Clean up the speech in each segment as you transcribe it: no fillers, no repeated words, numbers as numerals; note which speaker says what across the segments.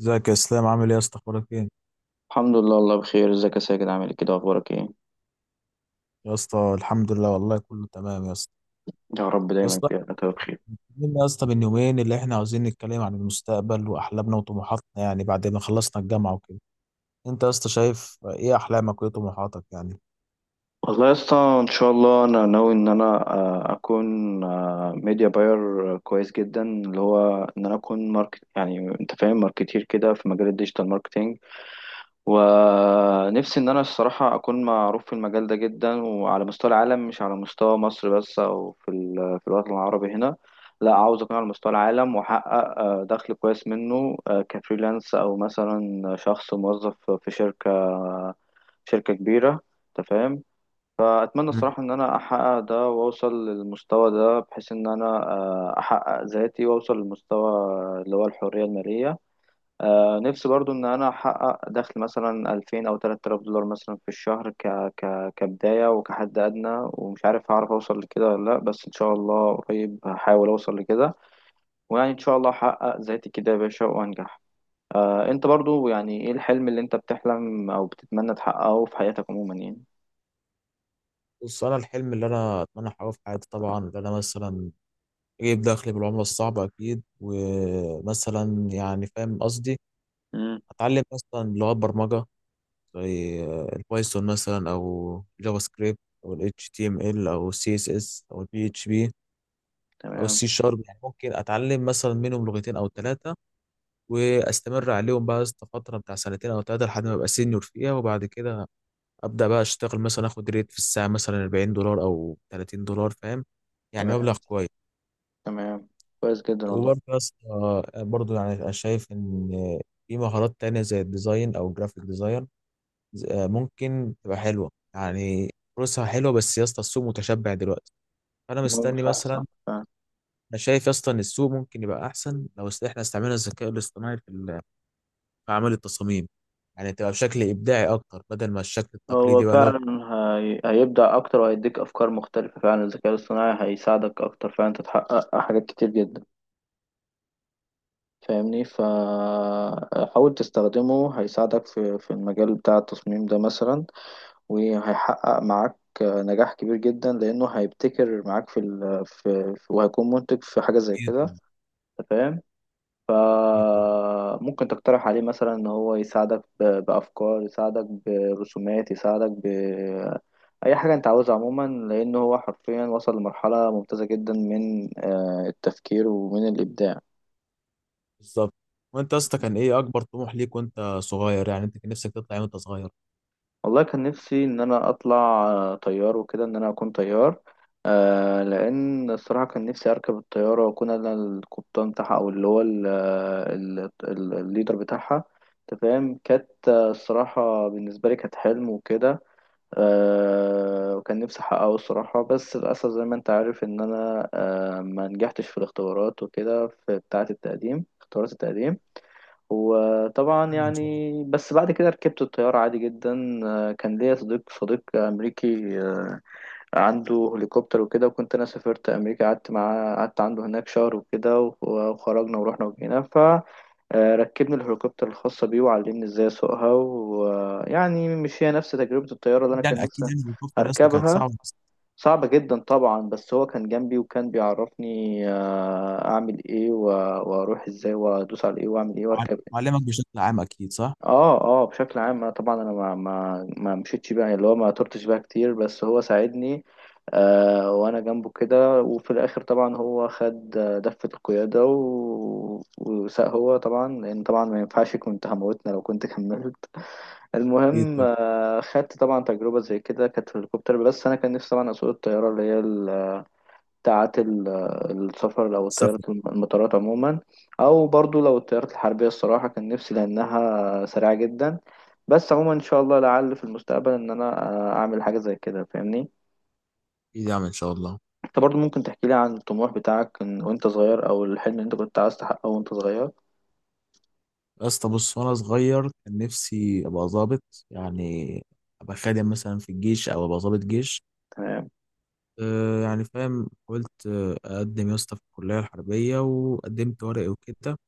Speaker 1: ازيك يا اسلام؟ عامل ايه يا اسطى؟ اخبارك ايه؟
Speaker 2: الحمد لله. الله بخير. ازيك يا ساجد؟ عامل ايه كده؟ اخبارك ايه؟
Speaker 1: يا اسطى الحمد لله، والله كله تمام يا اسطى.
Speaker 2: يا رب
Speaker 1: يا
Speaker 2: دايما
Speaker 1: اسطى،
Speaker 2: كده كده بخير.
Speaker 1: اتكلمنا يا اسطى من يومين اللي احنا عاوزين نتكلم عن المستقبل واحلامنا وطموحاتنا، يعني بعد ما خلصنا الجامعه وكده. انت يا اسطى شايف ايه احلامك وايه طموحاتك يعني؟
Speaker 2: والله يا اسطى، ان شاء الله انا ناوي ان انا اكون ميديا باير كويس جدا، اللي هو ان انا اكون ماركت، يعني انت فاهم، ماركتير كده في مجال الديجيتال ماركتينج. ونفسي ان انا الصراحه اكون معروف في المجال ده جدا، وعلى مستوى العالم، مش على مستوى مصر بس او في في الوطن العربي هنا. لا، عاوز اكون على مستوى العالم، واحقق دخل كويس منه، كفريلانس او مثلا شخص موظف في شركه، شركه كبيره. انت فاهم؟ فاتمنى
Speaker 1: مم.
Speaker 2: الصراحه ان انا احقق ده واوصل للمستوى ده، بحيث ان انا احقق ذاتي واوصل للمستوى اللي هو الحريه الماليه. نفسي برضو ان انا احقق دخل مثلا 2000 او 3000 دولار مثلا في الشهر كبداية وكحد ادنى. ومش عارف هعرف اوصل لكده ولا لا، بس ان شاء الله قريب هحاول اوصل لكده، ويعني ان شاء الله احقق ذاتي كده يا باشا وانجح. انت برضو، يعني ايه الحلم اللي انت بتحلم او بتتمنى تحققه في حياتك عموما يعني؟
Speaker 1: بص، انا الحلم اللي انا اتمنى احققه في حياتي طبعا اللي انا مثلا اجيب دخل بالعمله الصعبه اكيد، ومثلا يعني فاهم قصدي،
Speaker 2: امم
Speaker 1: اتعلم مثلا لغات برمجه زي البايثون مثلا، او جافا سكريبت، او ال HTML، او ال CSS، او ال PHP، او
Speaker 2: تمام.
Speaker 1: السي شارب. يعني ممكن اتعلم مثلا منهم لغتين او ثلاثه واستمر عليهم بقى فتره بتاع سنتين او ثلاثه لحد ما ابقى سينيور فيها. وبعد كده ابدا بقى اشتغل، مثلا اخد ريت في الساعه مثلا 40 دولار او 30 دولار، فاهم يعني مبلغ
Speaker 2: تمام.
Speaker 1: كويس.
Speaker 2: تمام، كويس جدا والله.
Speaker 1: وبرضه يا اسطى، برضه يعني أنا شايف ان في مهارات تانية زي الديزاين او الجرافيك ديزاين، ممكن تبقى حلوه يعني، فلوسها حلوه. بس يا اسطى السوق متشبع دلوقتي، فانا
Speaker 2: المهم،
Speaker 1: مستني
Speaker 2: صح،
Speaker 1: مثلا.
Speaker 2: صح.
Speaker 1: انا شايف يا اسطى ان السوق ممكن يبقى احسن لو احنا استعملنا الذكاء الاصطناعي في في اعمال التصاميم، يعني تبقى بشكل ابداعي اكتر بدل ما الشكل
Speaker 2: هو
Speaker 1: التقليدي بقى اللي هو
Speaker 2: فعلا هيبدع اكتر، وهيديك افكار مختلفة فعلا. الذكاء الاصطناعي هيساعدك اكتر فعلا، تتحقق حاجات كتير جدا، فاهمني؟ فحاول تستخدمه، هيساعدك في المجال بتاع التصميم ده مثلا، وهيحقق معاك نجاح كبير جدا، لأنه هيبتكر معاك في وهيكون منتج في حاجة زي كده.
Speaker 1: بيطلع-
Speaker 2: أنت فاهم؟
Speaker 1: بيطلع.
Speaker 2: فممكن تقترح عليه مثلا ان هو يساعدك بافكار، يساعدك برسومات، يساعدك ب اي حاجه انت عاوزها عموما، لان هو حرفيا وصل لمرحله ممتازه جدا من التفكير ومن الابداع.
Speaker 1: بالظبط. وانت يا اسطى، كان ايه اكبر طموح ليك وانت صغير؟ يعني انت كان نفسك تطلع ايه وانت صغير؟
Speaker 2: والله كان نفسي ان انا اطلع طيار وكده، ان انا اكون طيار. لان الصراحه كان نفسي اركب الطياره واكون انا القبطان بتاعها، او اللي هو الليدر بتاعها. انت فاهم؟ كانت الصراحه بالنسبه لي كانت حلم وكده. أه، وكان نفسي أحققه الصراحة، بس للأسف زي ما أنت عارف إن أنا أه ما نجحتش في الاختبارات وكده، في بتاعة التقديم، اختبارات التقديم. وطبعا
Speaker 1: يعني ان شاء الله.
Speaker 2: يعني بس بعد كده ركبت الطيارة عادي جدا. أه كان ليا صديق، صديق أمريكي، أه عنده هليكوبتر وكده، وكنت أنا سافرت أمريكا، قعدت معاه، قعدت عنده هناك 1 شهر وكده، وخرجنا ورحنا وجينا. ركبني الهليكوبتر الخاصة بيه، وعلمني ازاي اسوقها. ويعني مش هي نفس تجربة الطيارة اللي انا
Speaker 1: اكيد
Speaker 2: كان
Speaker 1: يعني، اكيد
Speaker 2: نفسي
Speaker 1: يعني الكفر يا اسطى كانت
Speaker 2: اركبها.
Speaker 1: صعبه بس.
Speaker 2: صعبة جدا طبعا، بس هو كان جنبي وكان بيعرفني اعمل ايه، واروح ازاي وادوس على ايه واعمل ايه واركب.
Speaker 1: وعلمك بشكل عام اكيد، صح؟
Speaker 2: اه، اه، بشكل عام أنا طبعا انا ما مشيتش بقى، اللي هو ما طرتش بقى كتير، بس هو ساعدني آه وانا جنبه كده. وفي الاخر طبعا هو خد دفة القيادة وساق هو طبعا، لان طبعا ما ينفعش، كنت هموتنا لو كنت كملت.
Speaker 1: اكيد.
Speaker 2: المهم
Speaker 1: طب
Speaker 2: آه خدت طبعا تجربة زي كده كانت في الهليكوبتر، بس انا كان نفسي طبعا اسوق الطيارة اللي هي بتاعت السفر، أو
Speaker 1: السفر.
Speaker 2: الطيارات، المطارات عموما. أو برضو لو الطيارات الحربية، الصراحة كان نفسي، لأنها سريعة جدا. بس عموما إن شاء الله لعل في المستقبل إن أنا أعمل حاجة زي كده، فاهمني؟
Speaker 1: اكيد، يعني ان شاء الله.
Speaker 2: أنت برضو ممكن تحكي لي عن الطموح بتاعك وأنت صغير، أو الحلم اللي أنت كنت عايز تحققه وأنت صغير.
Speaker 1: يا اسطى بص، وانا صغير كان نفسي ابقى ظابط، يعني ابقى خادم مثلا في الجيش او ابقى ظابط جيش.
Speaker 2: تمام.
Speaker 1: أه يعني فاهم، قلت اقدم يا اسطى في الكليه الحربيه، وقدمت ورقي وكده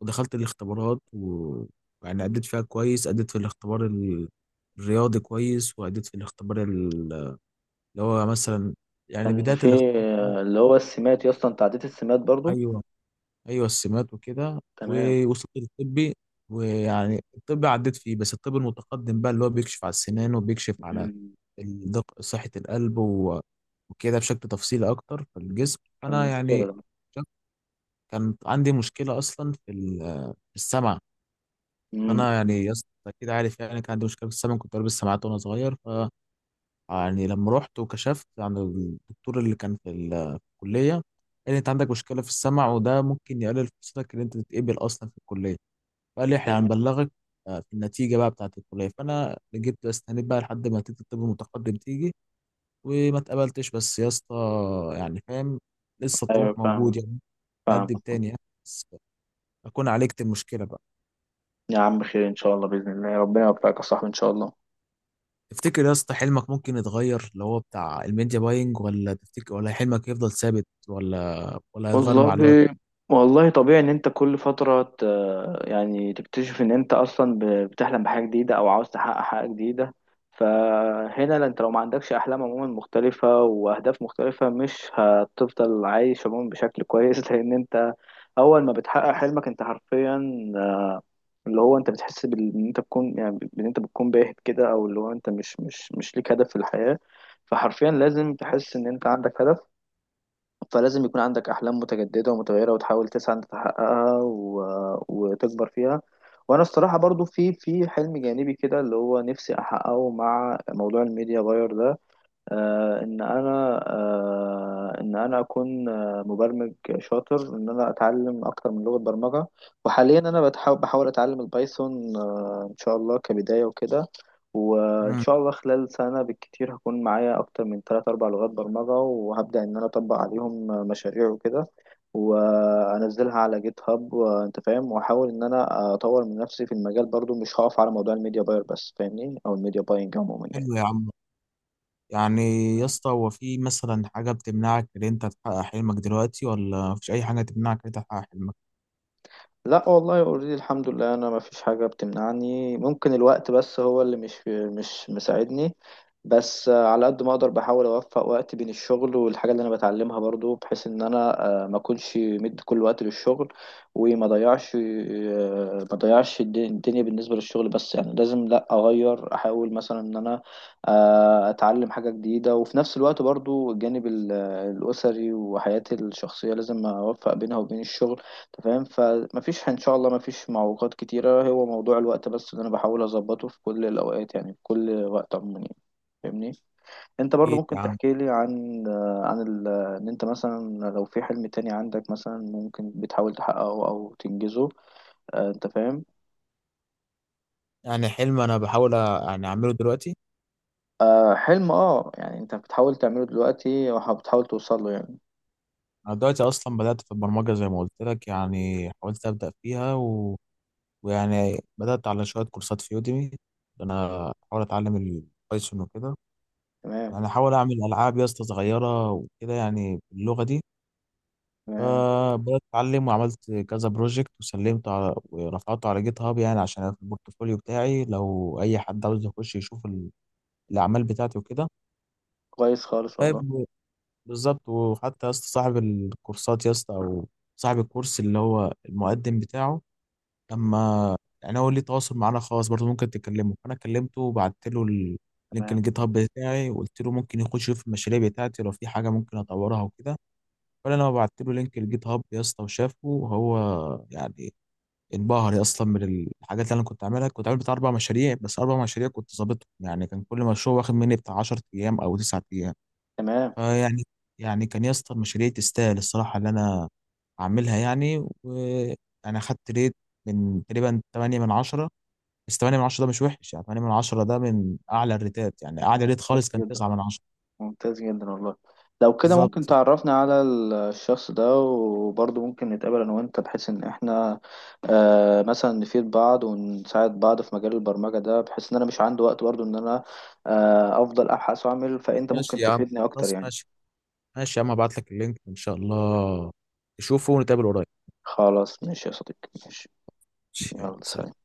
Speaker 1: ودخلت الاختبارات و... يعني أديت فيها كويس، أديت في الاختبار الرياضي كويس، وأديت في الاختبار اللي هو مثلا، يعني
Speaker 2: كان
Speaker 1: بداية
Speaker 2: في
Speaker 1: الاختبار فعلا.
Speaker 2: اللي هو السمات يا اسطى، أنت عديت السمات برضو؟
Speaker 1: أيوه، ايوه السمات وكده،
Speaker 2: تمام.
Speaker 1: ووصلت للطبي. ويعني الطب عديت فيه، بس الطب المتقدم بقى اللي هو بيكشف على السنان وبيكشف على
Speaker 2: مم.
Speaker 1: صحة القلب و... وكده بشكل تفصيلي اكتر في الجسم،
Speaker 2: كان
Speaker 1: فانا
Speaker 2: مشكلة
Speaker 1: يعني
Speaker 2: ده.
Speaker 1: شك- كان عندي مشكلة اصلا في في السمع.
Speaker 2: مم.
Speaker 1: فانا
Speaker 2: مم.
Speaker 1: يعني يا اسطى كده عارف، يعني كان عندي مشكلة في السمع، كنت لابس سماعات وانا صغير. يعني لما رحت وكشفت عن الدكتور اللي كان في في الكلية، قال لي انت عندك مشكلة في السمع، وده ممكن يقلل فرصتك ان انت تتقبل اصلا في الكلية. فقال لي احنا
Speaker 2: تمام.
Speaker 1: هنبلغك في النتيجة بقى بتاعة الكلية. فانا جبت استنيت بقى لحد ما نتيجة الطب المتقدم تيجي، وما اتقبلتش. بس يا اسطى يعني فاهم، لسه
Speaker 2: أيوة،
Speaker 1: الطموح
Speaker 2: فاهمك.
Speaker 1: موجود يعني،
Speaker 2: فاهم.
Speaker 1: بقدم تاني يعني، بس اكون عالجت المشكلة بقى.
Speaker 2: يا عم خير إن شاء الله، بإذن الله ربنا يوفقك يا صاحبي إن شاء الله.
Speaker 1: تفتكر يا اسطى حلمك ممكن يتغير اللي هو بتاع الميديا باينج، ولا تفتكر، ولا حلمك يفضل ثابت، ولا هيتغير مع الوقت؟
Speaker 2: والله، والله طبيعي ان انت كل فترة يعني تكتشف ان انت اصلا بتحلم بحاجة جديدة او عاوز تحقق حاجة جديدة. فهنا لا، انت لو ما عندكش احلام عموما مختلفة واهداف مختلفة، مش هتفضل عايش عموما بشكل كويس لان انت اول ما بتحقق حلمك انت حرفيا، اللي هو انت بتحس ان انت بتكون، يعني ان انت بتكون باهت كده، او اللي هو انت مش ليك هدف في الحياة. فحرفيا لازم تحس ان انت عندك هدف، فلازم يكون عندك أحلام متجددة ومتغيرة، وتحاول تسعى إن تحققها وتكبر فيها. وأنا الصراحة برضو في حلم جانبي كده اللي هو نفسي أحققه مع موضوع الميديا باير ده. ان انا ان انا اكون مبرمج شاطر، ان انا اتعلم اكتر من لغة برمجة. وحاليا انا بحاول اتعلم البايثون، ان شاء الله كبداية وكده. وان
Speaker 1: مم.
Speaker 2: شاء الله خلال سنة بالكتير هكون معايا اكتر من 3 4 لغات برمجة، وهبدأ ان انا اطبق عليهم مشاريع وكده، وانزلها على جيت هاب. وانت فاهم، واحاول ان انا اطور من نفسي في المجال برضو، مش هقف على موضوع الميديا باير بس، فاهمني؟ او الميديا باينج عموما يعني.
Speaker 1: حلو يا عم. يعني يا اسطى، هو في مثلا حاجة بتمنعك إن أنت تحقق حلمك دلوقتي، ولا مفيش أي حاجة تمنعك إن أنت تحقق حلمك؟
Speaker 2: لا والله اوريدي، الحمد لله انا ما فيش حاجه بتمنعني. ممكن الوقت بس هو اللي مش مساعدني. بس على قد ما اقدر بحاول اوفق وقت بين الشغل والحاجه اللي انا بتعلمها برضو، بحيث ان انا ما اكونش مدي كل وقت للشغل، وما ضيعش ما ضيعش الدنيا بالنسبه للشغل بس. يعني لازم لا اغير، احاول مثلا ان انا اتعلم حاجه جديده، وفي نفس الوقت برضو الجانب الاسري وحياتي الشخصيه لازم اوفق بينها وبين الشغل. انت فاهم؟ فمفيش ان شاء الله، مفيش معوقات كتيرة، هو موضوع الوقت بس اللي انا بحاول اظبطه في كل الاوقات يعني، في كل وقت عموما يعني. فاهمني؟ انت برضو
Speaker 1: اكيد
Speaker 2: ممكن
Speaker 1: يا عم.
Speaker 2: تحكي لي عن عن ان انت مثلا لو في حلم تاني عندك مثلا، ممكن بتحاول تحققه او تنجزه؟ انت فاهم.
Speaker 1: يعني حلم انا بحاول يعني اعمله دلوقتي.
Speaker 2: حلم، اه يعني انت بتحاول تعمله دلوقتي وبتحاول توصل له يعني.
Speaker 1: انا دلوقتي اصلا بدات في البرمجه زي ما قلت لك، يعني حاولت ابدا فيها و... ويعني بدات على شويه كورسات في يوديمي، انا بحاول اتعلم البايثون وكده.
Speaker 2: تمام.
Speaker 1: يعني احاول اعمل العاب يا اسطى صغيره وكده يعني باللغه دي.
Speaker 2: تمام،
Speaker 1: فبدات اتعلم وعملت كذا بروجكت وسلمته على، ورفعته على جيت هاب يعني عشان في البورتفوليو بتاعي، لو اي حد عاوز يخش يشوف الاعمال بتاعتي وكده.
Speaker 2: كويس خالص والله.
Speaker 1: طيب، بالظبط. وحتى يا اسطى صاحب الكورسات يا اسطى، او صاحب الكورس اللي هو المقدم بتاعه، لما يعني هو ليه تواصل معانا خاص برضه ممكن تكلمه، فانا كلمته وبعت له لينك
Speaker 2: تمام.
Speaker 1: الجيت هاب بتاعي، وقلت له ممكن يخش يشوف المشاريع بتاعتي لو في حاجه ممكن اطورها وكده. ولا انا بعت له لينك الجيت هاب يا اسطى، وشافه وهو يعني انبهر يا، اصلا من الحاجات اللي انا كنت عاملها، كنت عامل بتاع اربع مشاريع. بس اربع مشاريع كنت ظابطهم يعني. كان كل مشروع واخد مني بتاع 10 ايام او 9 ايام.
Speaker 2: تمام،
Speaker 1: فيعني كان يا اسطى المشاريع تستاهل الصراحه اللي انا اعملها يعني، وانا خدت ريت من تقريبا 8 من 10. بس 8 من 10 ده مش وحش يعني، 8 من 10 ده من اعلى الريتات يعني. اعلى ريت
Speaker 2: كويس
Speaker 1: خالص كان
Speaker 2: جدا،
Speaker 1: 9 من 10.
Speaker 2: ممتاز جدا والله. لو كده ممكن
Speaker 1: بالظبط.
Speaker 2: تعرفنا على الشخص ده، وبرضه ممكن نتقابل انا وانت، بحيث ان احنا آه مثلا نفيد بعض ونساعد بعض في مجال البرمجة ده، بحيث ان انا مش عندي وقت برضه ان انا آه افضل ابحث واعمل،
Speaker 1: خلاص
Speaker 2: فانت
Speaker 1: ماشي
Speaker 2: ممكن
Speaker 1: يا عم،
Speaker 2: تفيدني اكتر
Speaker 1: خلاص
Speaker 2: يعني.
Speaker 1: ماشي، ماشي يا عم، ابعت لك اللينك ان شاء الله تشوفه ونتقابل قريب.
Speaker 2: خلاص ماشي يا صديقي، ماشي.
Speaker 1: يلا
Speaker 2: يلا سلام.
Speaker 1: سلام.